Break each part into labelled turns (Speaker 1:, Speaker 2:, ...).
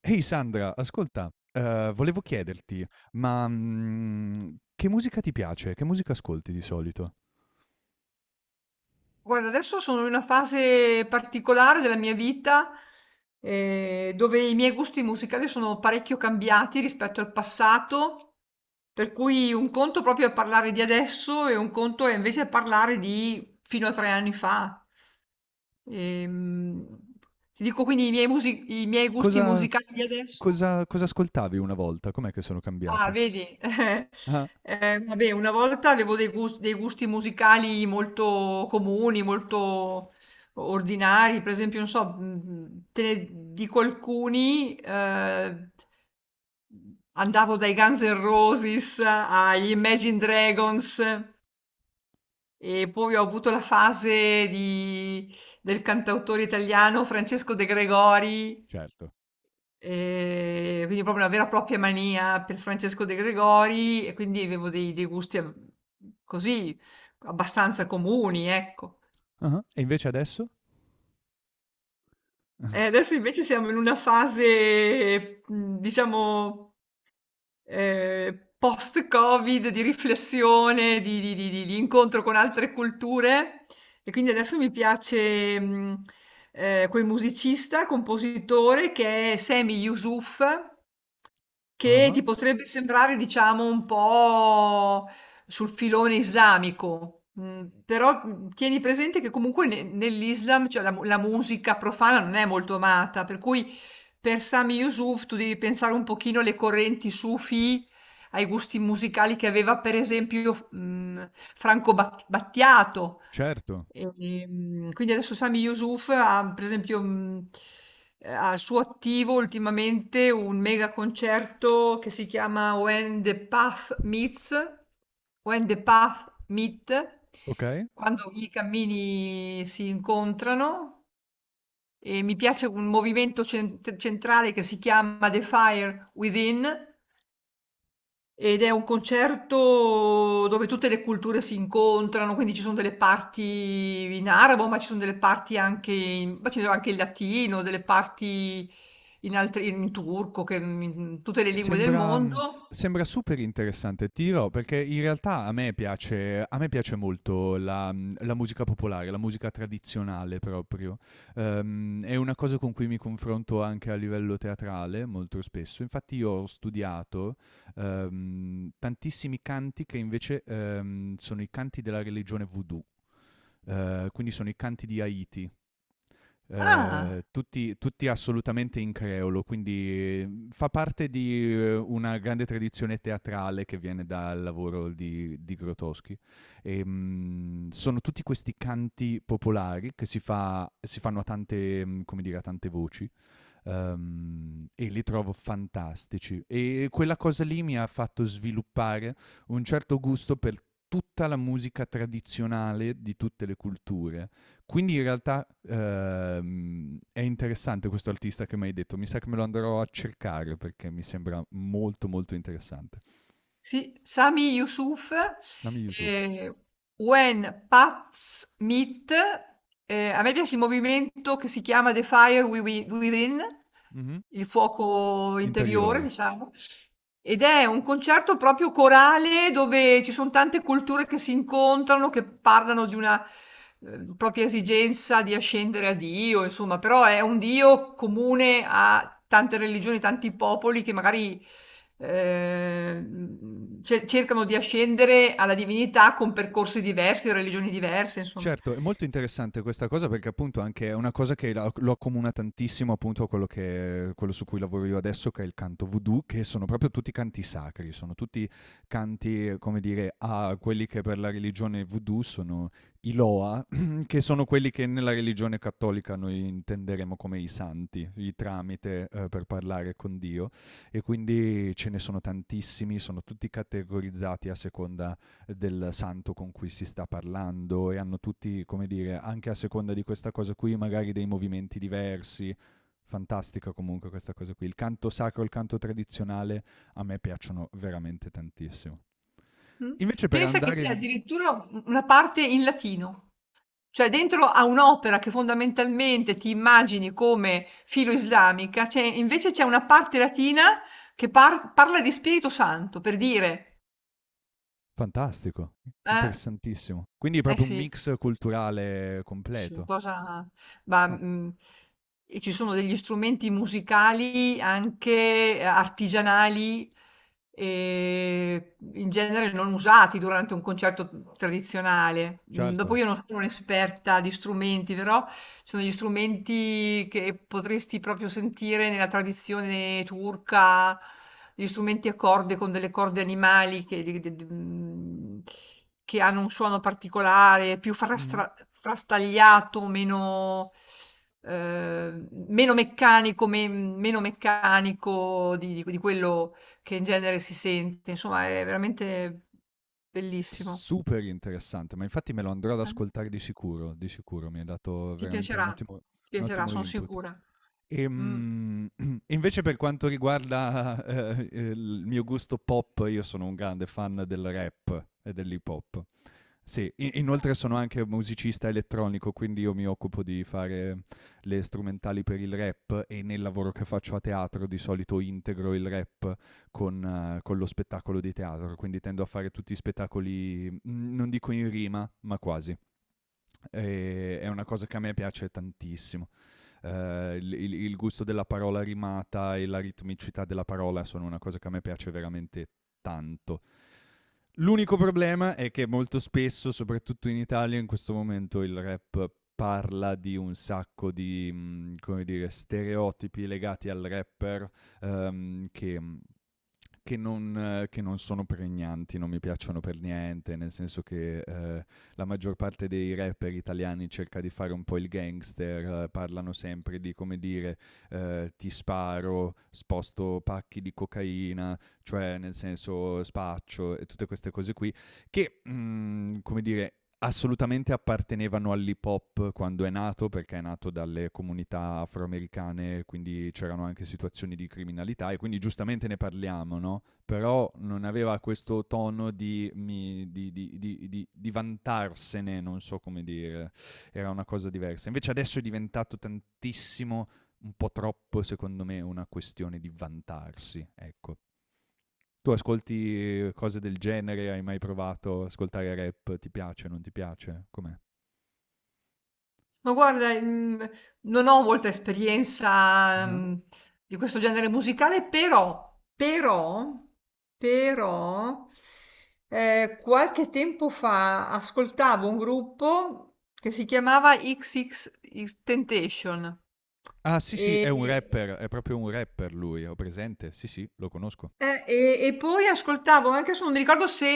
Speaker 1: Ehi Sandra, ascolta, volevo chiederti, ma, che musica ti piace? Che musica ascolti di solito?
Speaker 2: Guarda, adesso sono in una fase particolare della mia vita, dove i miei gusti musicali sono parecchio cambiati rispetto al passato, per cui un conto proprio è parlare di adesso e un conto è invece parlare di fino a 3 anni fa. Ehm, ti dico quindi i miei, i miei gusti
Speaker 1: Cosa
Speaker 2: musicali di adesso.
Speaker 1: cosa ascoltavi una volta? Com'è che sono
Speaker 2: Ah,
Speaker 1: cambiati?
Speaker 2: vedi.
Speaker 1: Ah.
Speaker 2: Vabbè, una volta avevo dei gusti musicali molto comuni, molto ordinari. Per esempio, non so, te ne dico alcuni. Andavo dai Guns N' Roses agli Imagine Dragons, e poi ho avuto del cantautore italiano Francesco De Gregori.
Speaker 1: Certo.
Speaker 2: Quindi proprio una vera e propria mania per Francesco De Gregori, e quindi avevo dei gusti ab così, abbastanza comuni, ecco.
Speaker 1: Ah-ah. E invece adesso?
Speaker 2: E adesso invece siamo in una fase, diciamo, post-Covid, di riflessione, di incontro con altre culture. E quindi adesso mi piace, quel musicista, compositore, che è Sami Yusuf, che
Speaker 1: Ah-ah.
Speaker 2: ti potrebbe sembrare, diciamo, un po' sul filone islamico, però tieni presente che comunque nell'Islam, cioè la, la musica profana non è molto amata, per cui per Sami Yusuf tu devi pensare un pochino alle correnti sufi, ai gusti musicali che aveva, per esempio, Franco Battiato.
Speaker 1: Certo,
Speaker 2: Quindi adesso Sami Yusuf ha, per esempio, ha al suo attivo ultimamente un mega concerto che si chiama When the Path Meets, When the Path Meet,
Speaker 1: okay.
Speaker 2: quando i cammini si incontrano. E mi piace un movimento centrale che si chiama The Fire Within, ed è un concerto dove tutte le culture si incontrano, quindi ci sono delle parti in arabo, ma ci sono anche in latino, delle parti in, altri, in turco, che, in tutte le lingue del
Speaker 1: Sembra mhmm,
Speaker 2: mondo.
Speaker 1: sembra super interessante. Ti dirò, perché in realtà a me piace molto la la musica popolare, la musica tradizionale proprio. È una cosa con cui mi confronto anche a livello teatrale molto spesso. Infatti io ho studiato, tantissimi canti che invece, sono i canti della religione voodoo, quindi sono i canti di Haiti. Eh,
Speaker 2: Ah,
Speaker 1: tutti, tutti assolutamente in creolo, quindi fa parte di una grande tradizione teatrale che viene dal lavoro di Grotowski. E, mm, sono tutti questi canti popolari che si, si fanno a tante, mm, come dire, a tante voci. E li trovo fantastici. E
Speaker 2: s-
Speaker 1: quella cosa lì mi ha fatto sviluppare un certo gusto per tutta la musica tradizionale di tutte le culture. Quindi in realtà, è interessante questo artista che mi hai detto, mi sa che me lo andrò a cercare perché mi sembra molto, molto interessante.
Speaker 2: sì, Sami Yusuf,
Speaker 1: Sami Yusuf.
Speaker 2: eh, When Paths Meet, a me piace il movimento che si chiama The Fire Within,
Speaker 1: Mh-mh.
Speaker 2: il fuoco interiore,
Speaker 1: Interiore.
Speaker 2: diciamo. Ed è un concerto proprio corale dove ci son tante culture che si incontrano, che parlano di una, propria esigenza di ascendere a Dio. Insomma, però è un Dio comune a tante religioni, tanti popoli che magari, ce cercano di ascendere alla divinità con percorsi diversi, religioni diverse, insomma.
Speaker 1: Certo, è molto interessante questa cosa perché appunto anche è una cosa che la lo accomuna tantissimo appunto a quello su cui lavoro io adesso, che è il canto voodoo, che sono proprio tutti canti sacri, sono tutti canti, come dire, a quelli che per la religione voodoo sono i loa, che sono quelli che nella religione cattolica noi intenderemo come i santi, i tramite, per parlare con Dio e quindi ce ne sono tantissimi, sono tutti categorizzati a seconda del santo con cui si sta parlando e hanno tutti, come dire, anche a seconda di questa cosa qui, magari dei movimenti diversi. Fantastica comunque questa cosa qui. Il canto sacro e il canto tradizionale a me piacciono veramente tantissimo.
Speaker 2: Mh.
Speaker 1: Invece per
Speaker 2: Pensa che c'è
Speaker 1: andare...
Speaker 2: addirittura u una parte in latino. Cioè, dentro a un'opera che fondamentalmente ti immagini come filo-islamica, c'è invece c'è una parte latina che parla di Spirito Santo, per dire.
Speaker 1: Fantastico,
Speaker 2: Eh,
Speaker 1: interessantissimo. Quindi è
Speaker 2: eh
Speaker 1: proprio un
Speaker 2: sì.
Speaker 1: mix culturale
Speaker 2: Sì, una
Speaker 1: completo.
Speaker 2: cosa ma,
Speaker 1: Ah,
Speaker 2: mhmm, e ci sono degli strumenti musicali anche artigianali, ehm, in genere non usati durante un concerto tradizionale. Mhmm, dopo
Speaker 1: certo.
Speaker 2: io non sono un'esperta di strumenti, però ci sono degli strumenti che potresti proprio sentire nella tradizione turca, degli strumenti a corde con delle corde animali che di d d mhmm Mhmm, che hanno un suono particolare, più
Speaker 1: Mhm.
Speaker 2: frastra frastagliato, meno meccanico, me meno meccanico di quello che in genere si sente. Insomma, è veramente bellissimo.
Speaker 1: Super interessante, ma infatti me lo andrò ad
Speaker 2: Eh,
Speaker 1: ascoltare di sicuro, mi hai dato
Speaker 2: ti
Speaker 1: veramente
Speaker 2: piacerà, ti
Speaker 1: un
Speaker 2: piacerà,
Speaker 1: ottimo
Speaker 2: son
Speaker 1: input.
Speaker 2: sicura. Mh.
Speaker 1: Ehm, invece per quanto riguarda, il mio gusto pop, io sono un grande fan del rap e dell'hip hop. Sì, i inoltre sono anche musicista elettronico, quindi io mi occupo di fare le strumentali per il rap e nel lavoro che faccio a teatro di solito integro il rap con lo spettacolo di teatro, quindi tendo a fare tutti i spettacoli, non dico in rima, ma quasi. È una cosa che a me piace tantissimo il gusto della parola rimata e la ritmicità della parola sono una cosa che a me piace veramente tanto. L'unico problema è che molto spesso, soprattutto in Italia, in questo momento il rap parla di un sacco di, come dire, stereotipi legati al rapper, che che non sono pregnanti, non mi piacciono per niente, nel senso che, la maggior parte dei rapper italiani cerca di fare un po' il gangster, parlano sempre di, come dire, "Ti sparo, sposto pacchi di cocaina", cioè nel senso spaccio e tutte queste cose qui, che, mm, come dire, assolutamente appartenevano all'hip hop quando è nato, perché è nato dalle comunità afroamericane, quindi c'erano anche situazioni di criminalità e quindi giustamente ne parliamo, no? Però non aveva questo tono di, vantarsene, non so come dire, era una cosa diversa. Invece adesso è diventato tantissimo, un po' troppo secondo me, una questione di vantarsi, ecco. Tu ascolti cose del genere? Hai mai provato ad ascoltare rap? Ti piace, non ti piace? Com'è?
Speaker 2: Ma guarda, non ho molta esperienza,
Speaker 1: Ah-ah.
Speaker 2: di questo genere musicale, però però, qualche tempo fa ascoltavo un gruppo che si chiamava XXXTentacion.
Speaker 1: Ah, sì, sì, è un
Speaker 2: E
Speaker 1: rapper, è proprio un rapper lui, ho presente? Sì, sì, lo conosco.
Speaker 2: e poi ascoltavo, anche adesso non mi ricordo se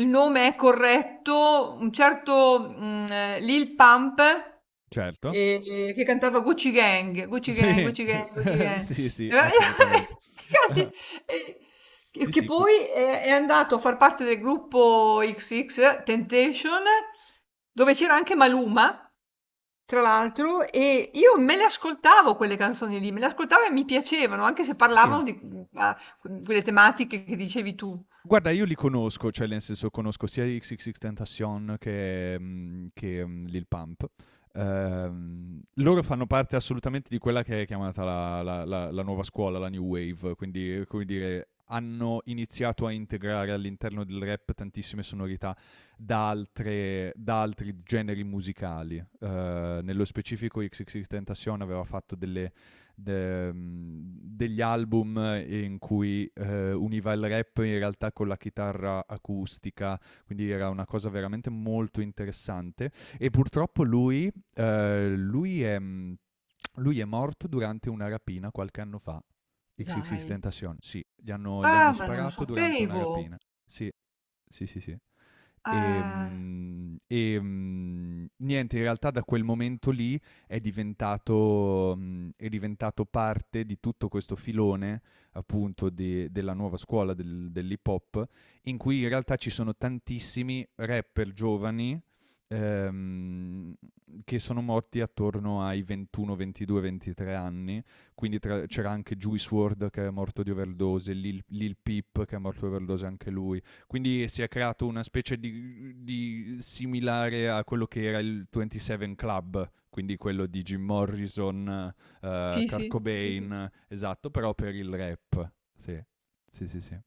Speaker 2: il nome è corretto, un certo, Lil Pump,
Speaker 1: Certo.
Speaker 2: che cantava Gucci Gang, Gucci Gang,
Speaker 1: Sì,
Speaker 2: Gucci Gang, Gucci Gang.
Speaker 1: sì, sì,
Speaker 2: E va-
Speaker 1: assolutamente.
Speaker 2: Infatti, eh, che
Speaker 1: Sì,
Speaker 2: che
Speaker 1: sì,
Speaker 2: poi è andato a far parte del gruppo XX Temptation, dove c'era anche Maluma. Tra l'altro, e io me le ascoltavo quelle canzoni lì, me le ascoltavo e mi piacevano, anche se
Speaker 1: sì.
Speaker 2: parlavano a quelle tematiche che dicevi tu.
Speaker 1: Guarda, io li conosco, cioè nel senso conosco sia XXXTentacion che Lil Pump. Loro fanno parte assolutamente di quella che è chiamata la nuova scuola, la new wave, quindi come dire, hanno iniziato a integrare all'interno del rap tantissime sonorità da altri generi musicali. Nello specifico XXXTentacion aveva fatto degli album in cui univa il rap in realtà con la chitarra acustica, quindi era una cosa veramente molto interessante. E purtroppo lui, lui è morto durante una rapina qualche anno fa. XXX
Speaker 2: Dai.
Speaker 1: Tentacion, sì, gli hanno
Speaker 2: Ah, ma non lo
Speaker 1: sparato durante una
Speaker 2: sapevo.
Speaker 1: rapina. Sì, sì, sì, sì.
Speaker 2: Ah.
Speaker 1: E, mm, niente, in realtà da quel momento lì è diventato parte di tutto questo filone appunto della nuova scuola dell'hip hop, in cui in realtà ci sono tantissimi rapper giovani ehm, che sono morti attorno ai 21, 22, 23 anni. Quindi c'era anche Juice WRLD che è morto di overdose, Lil Peep che è morto di overdose anche lui. Quindi si è creato una specie di similare a quello che era il 27 Club, quindi quello di Jim Morrison,
Speaker 2: Sì,
Speaker 1: Kurt
Speaker 2: sì, sì, sì.
Speaker 1: Cobain, esatto, però per il rap. Sì, sì, sì, sì.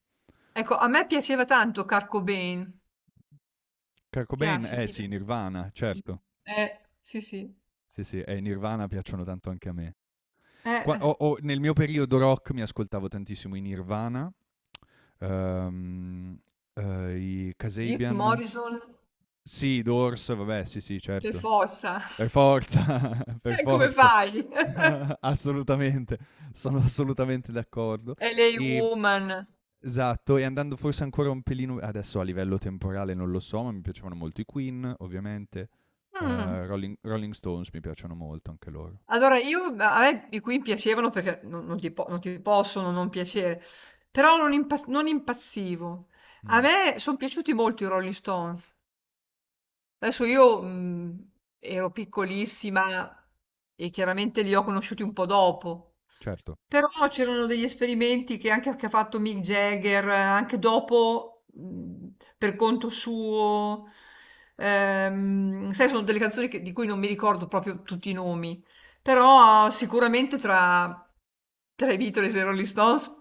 Speaker 2: Ecco, a me piaceva tanto Kurt Cobain.
Speaker 1: Kurt Cobain,
Speaker 2: Piace,
Speaker 1: eh
Speaker 2: mi
Speaker 1: sì,
Speaker 2: piace.
Speaker 1: Nirvana,
Speaker 2: Mh.
Speaker 1: certo.
Speaker 2: Sì, sì.
Speaker 1: Sì, sì, e i Nirvana piacciono tanto anche a me. Qua-
Speaker 2: Eh.
Speaker 1: o Nel mio periodo rock mi ascoltavo tantissimo i Nirvana, ehm, i
Speaker 2: Jim
Speaker 1: Kasabian,
Speaker 2: Morrison
Speaker 1: sì, i Doors, vabbè, sì, sì,
Speaker 2: per
Speaker 1: certo.
Speaker 2: forza.
Speaker 1: Per forza, per
Speaker 2: Come
Speaker 1: forza.
Speaker 2: fai?
Speaker 1: Assolutamente, sono assolutamente d'accordo.
Speaker 2: LA
Speaker 1: Ehm,
Speaker 2: Woman.
Speaker 1: esatto, e andando forse ancora un pelino adesso a livello temporale non lo so, ma mi piacevano molto i Queen, ovviamente,
Speaker 2: Mh.
Speaker 1: Rolling Stones mi piacciono molto anche loro.
Speaker 2: Allora, io ma a me i Queen piacevano, perché non ti po non ti possono non piacere, però non impazzivo. A
Speaker 1: Mh,
Speaker 2: me son piaciuti molto i Rolling Stones. Adesso io, ero piccolissima, e chiaramente li ho conosciuti un po' dopo.
Speaker 1: certo.
Speaker 2: Però c'erano degli esperimenti che ha fatto Mick Jagger, anche dopo, per conto suo. Sai, sono delle canzoni che di cui non mi ricordo proprio tutti i nomi, però sicuramente tra i Beatles e i Rolling Stones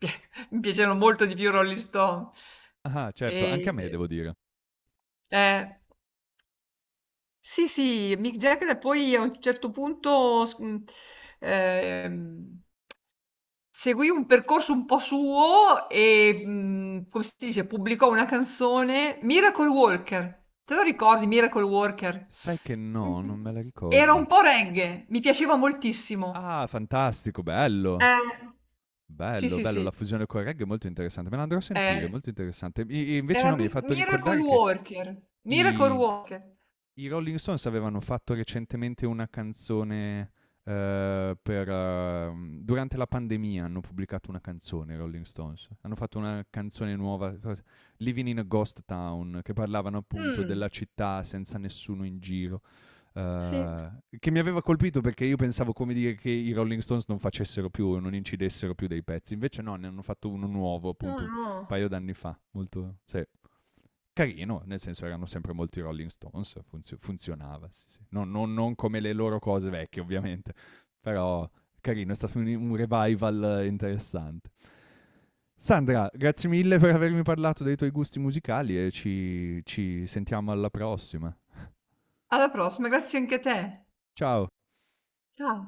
Speaker 2: mi piacevano molto di più i Rolling Stones.
Speaker 1: Ah-ah, certo, anche a me
Speaker 2: E
Speaker 1: devo dire.
Speaker 2: e eh. Sì, sì, Mick Jagger, e poi a un certo punto ehm, seguì un percorso un po' suo e, come si dice, pubblicò una canzone, Miracle Walker. Te lo ricordi Miracle Walker?
Speaker 1: Sai che no,
Speaker 2: Mh,
Speaker 1: non me la
Speaker 2: era un
Speaker 1: ricordo.
Speaker 2: po' reggae, mi piaceva moltissimo.
Speaker 1: Ah, fantastico, bello.
Speaker 2: Eh, sì,
Speaker 1: Bello,
Speaker 2: sì,
Speaker 1: bello, la
Speaker 2: sì,
Speaker 1: fusione col reggae è molto interessante, me la andrò a sentire,
Speaker 2: eh,
Speaker 1: molto interessante. I invece
Speaker 2: era
Speaker 1: no, mi hai
Speaker 2: Mic
Speaker 1: fatto
Speaker 2: Miracle
Speaker 1: ricordare che
Speaker 2: Walker, Miracle
Speaker 1: I
Speaker 2: Walker.
Speaker 1: i Rolling Stones avevano fatto recentemente una canzone, durante la pandemia hanno pubblicato una canzone i Rolling Stones. Hanno fatto una canzone nuova, cos "Living in a Ghost Town", che parlavano appunto della
Speaker 2: Mh,
Speaker 1: città senza nessuno in giro,
Speaker 2: sì,
Speaker 1: che mi aveva colpito perché io pensavo, come dire, che i Rolling Stones non incidessero più dei pezzi, invece no, ne hanno fatto uno nuovo
Speaker 2: no,
Speaker 1: appunto un
Speaker 2: no.
Speaker 1: paio d'anni fa, molto sì carino, nel senso erano sempre molti Rolling Stones, funzionava, sì, sì. Non come le loro cose vecchie ovviamente, però carino, è stato un revival interessante. Sandra, grazie mille per avermi parlato dei tuoi gusti musicali e ci sentiamo alla prossima.
Speaker 2: Alla prossima, grazie anche a te.
Speaker 1: Ciao!
Speaker 2: Ciao.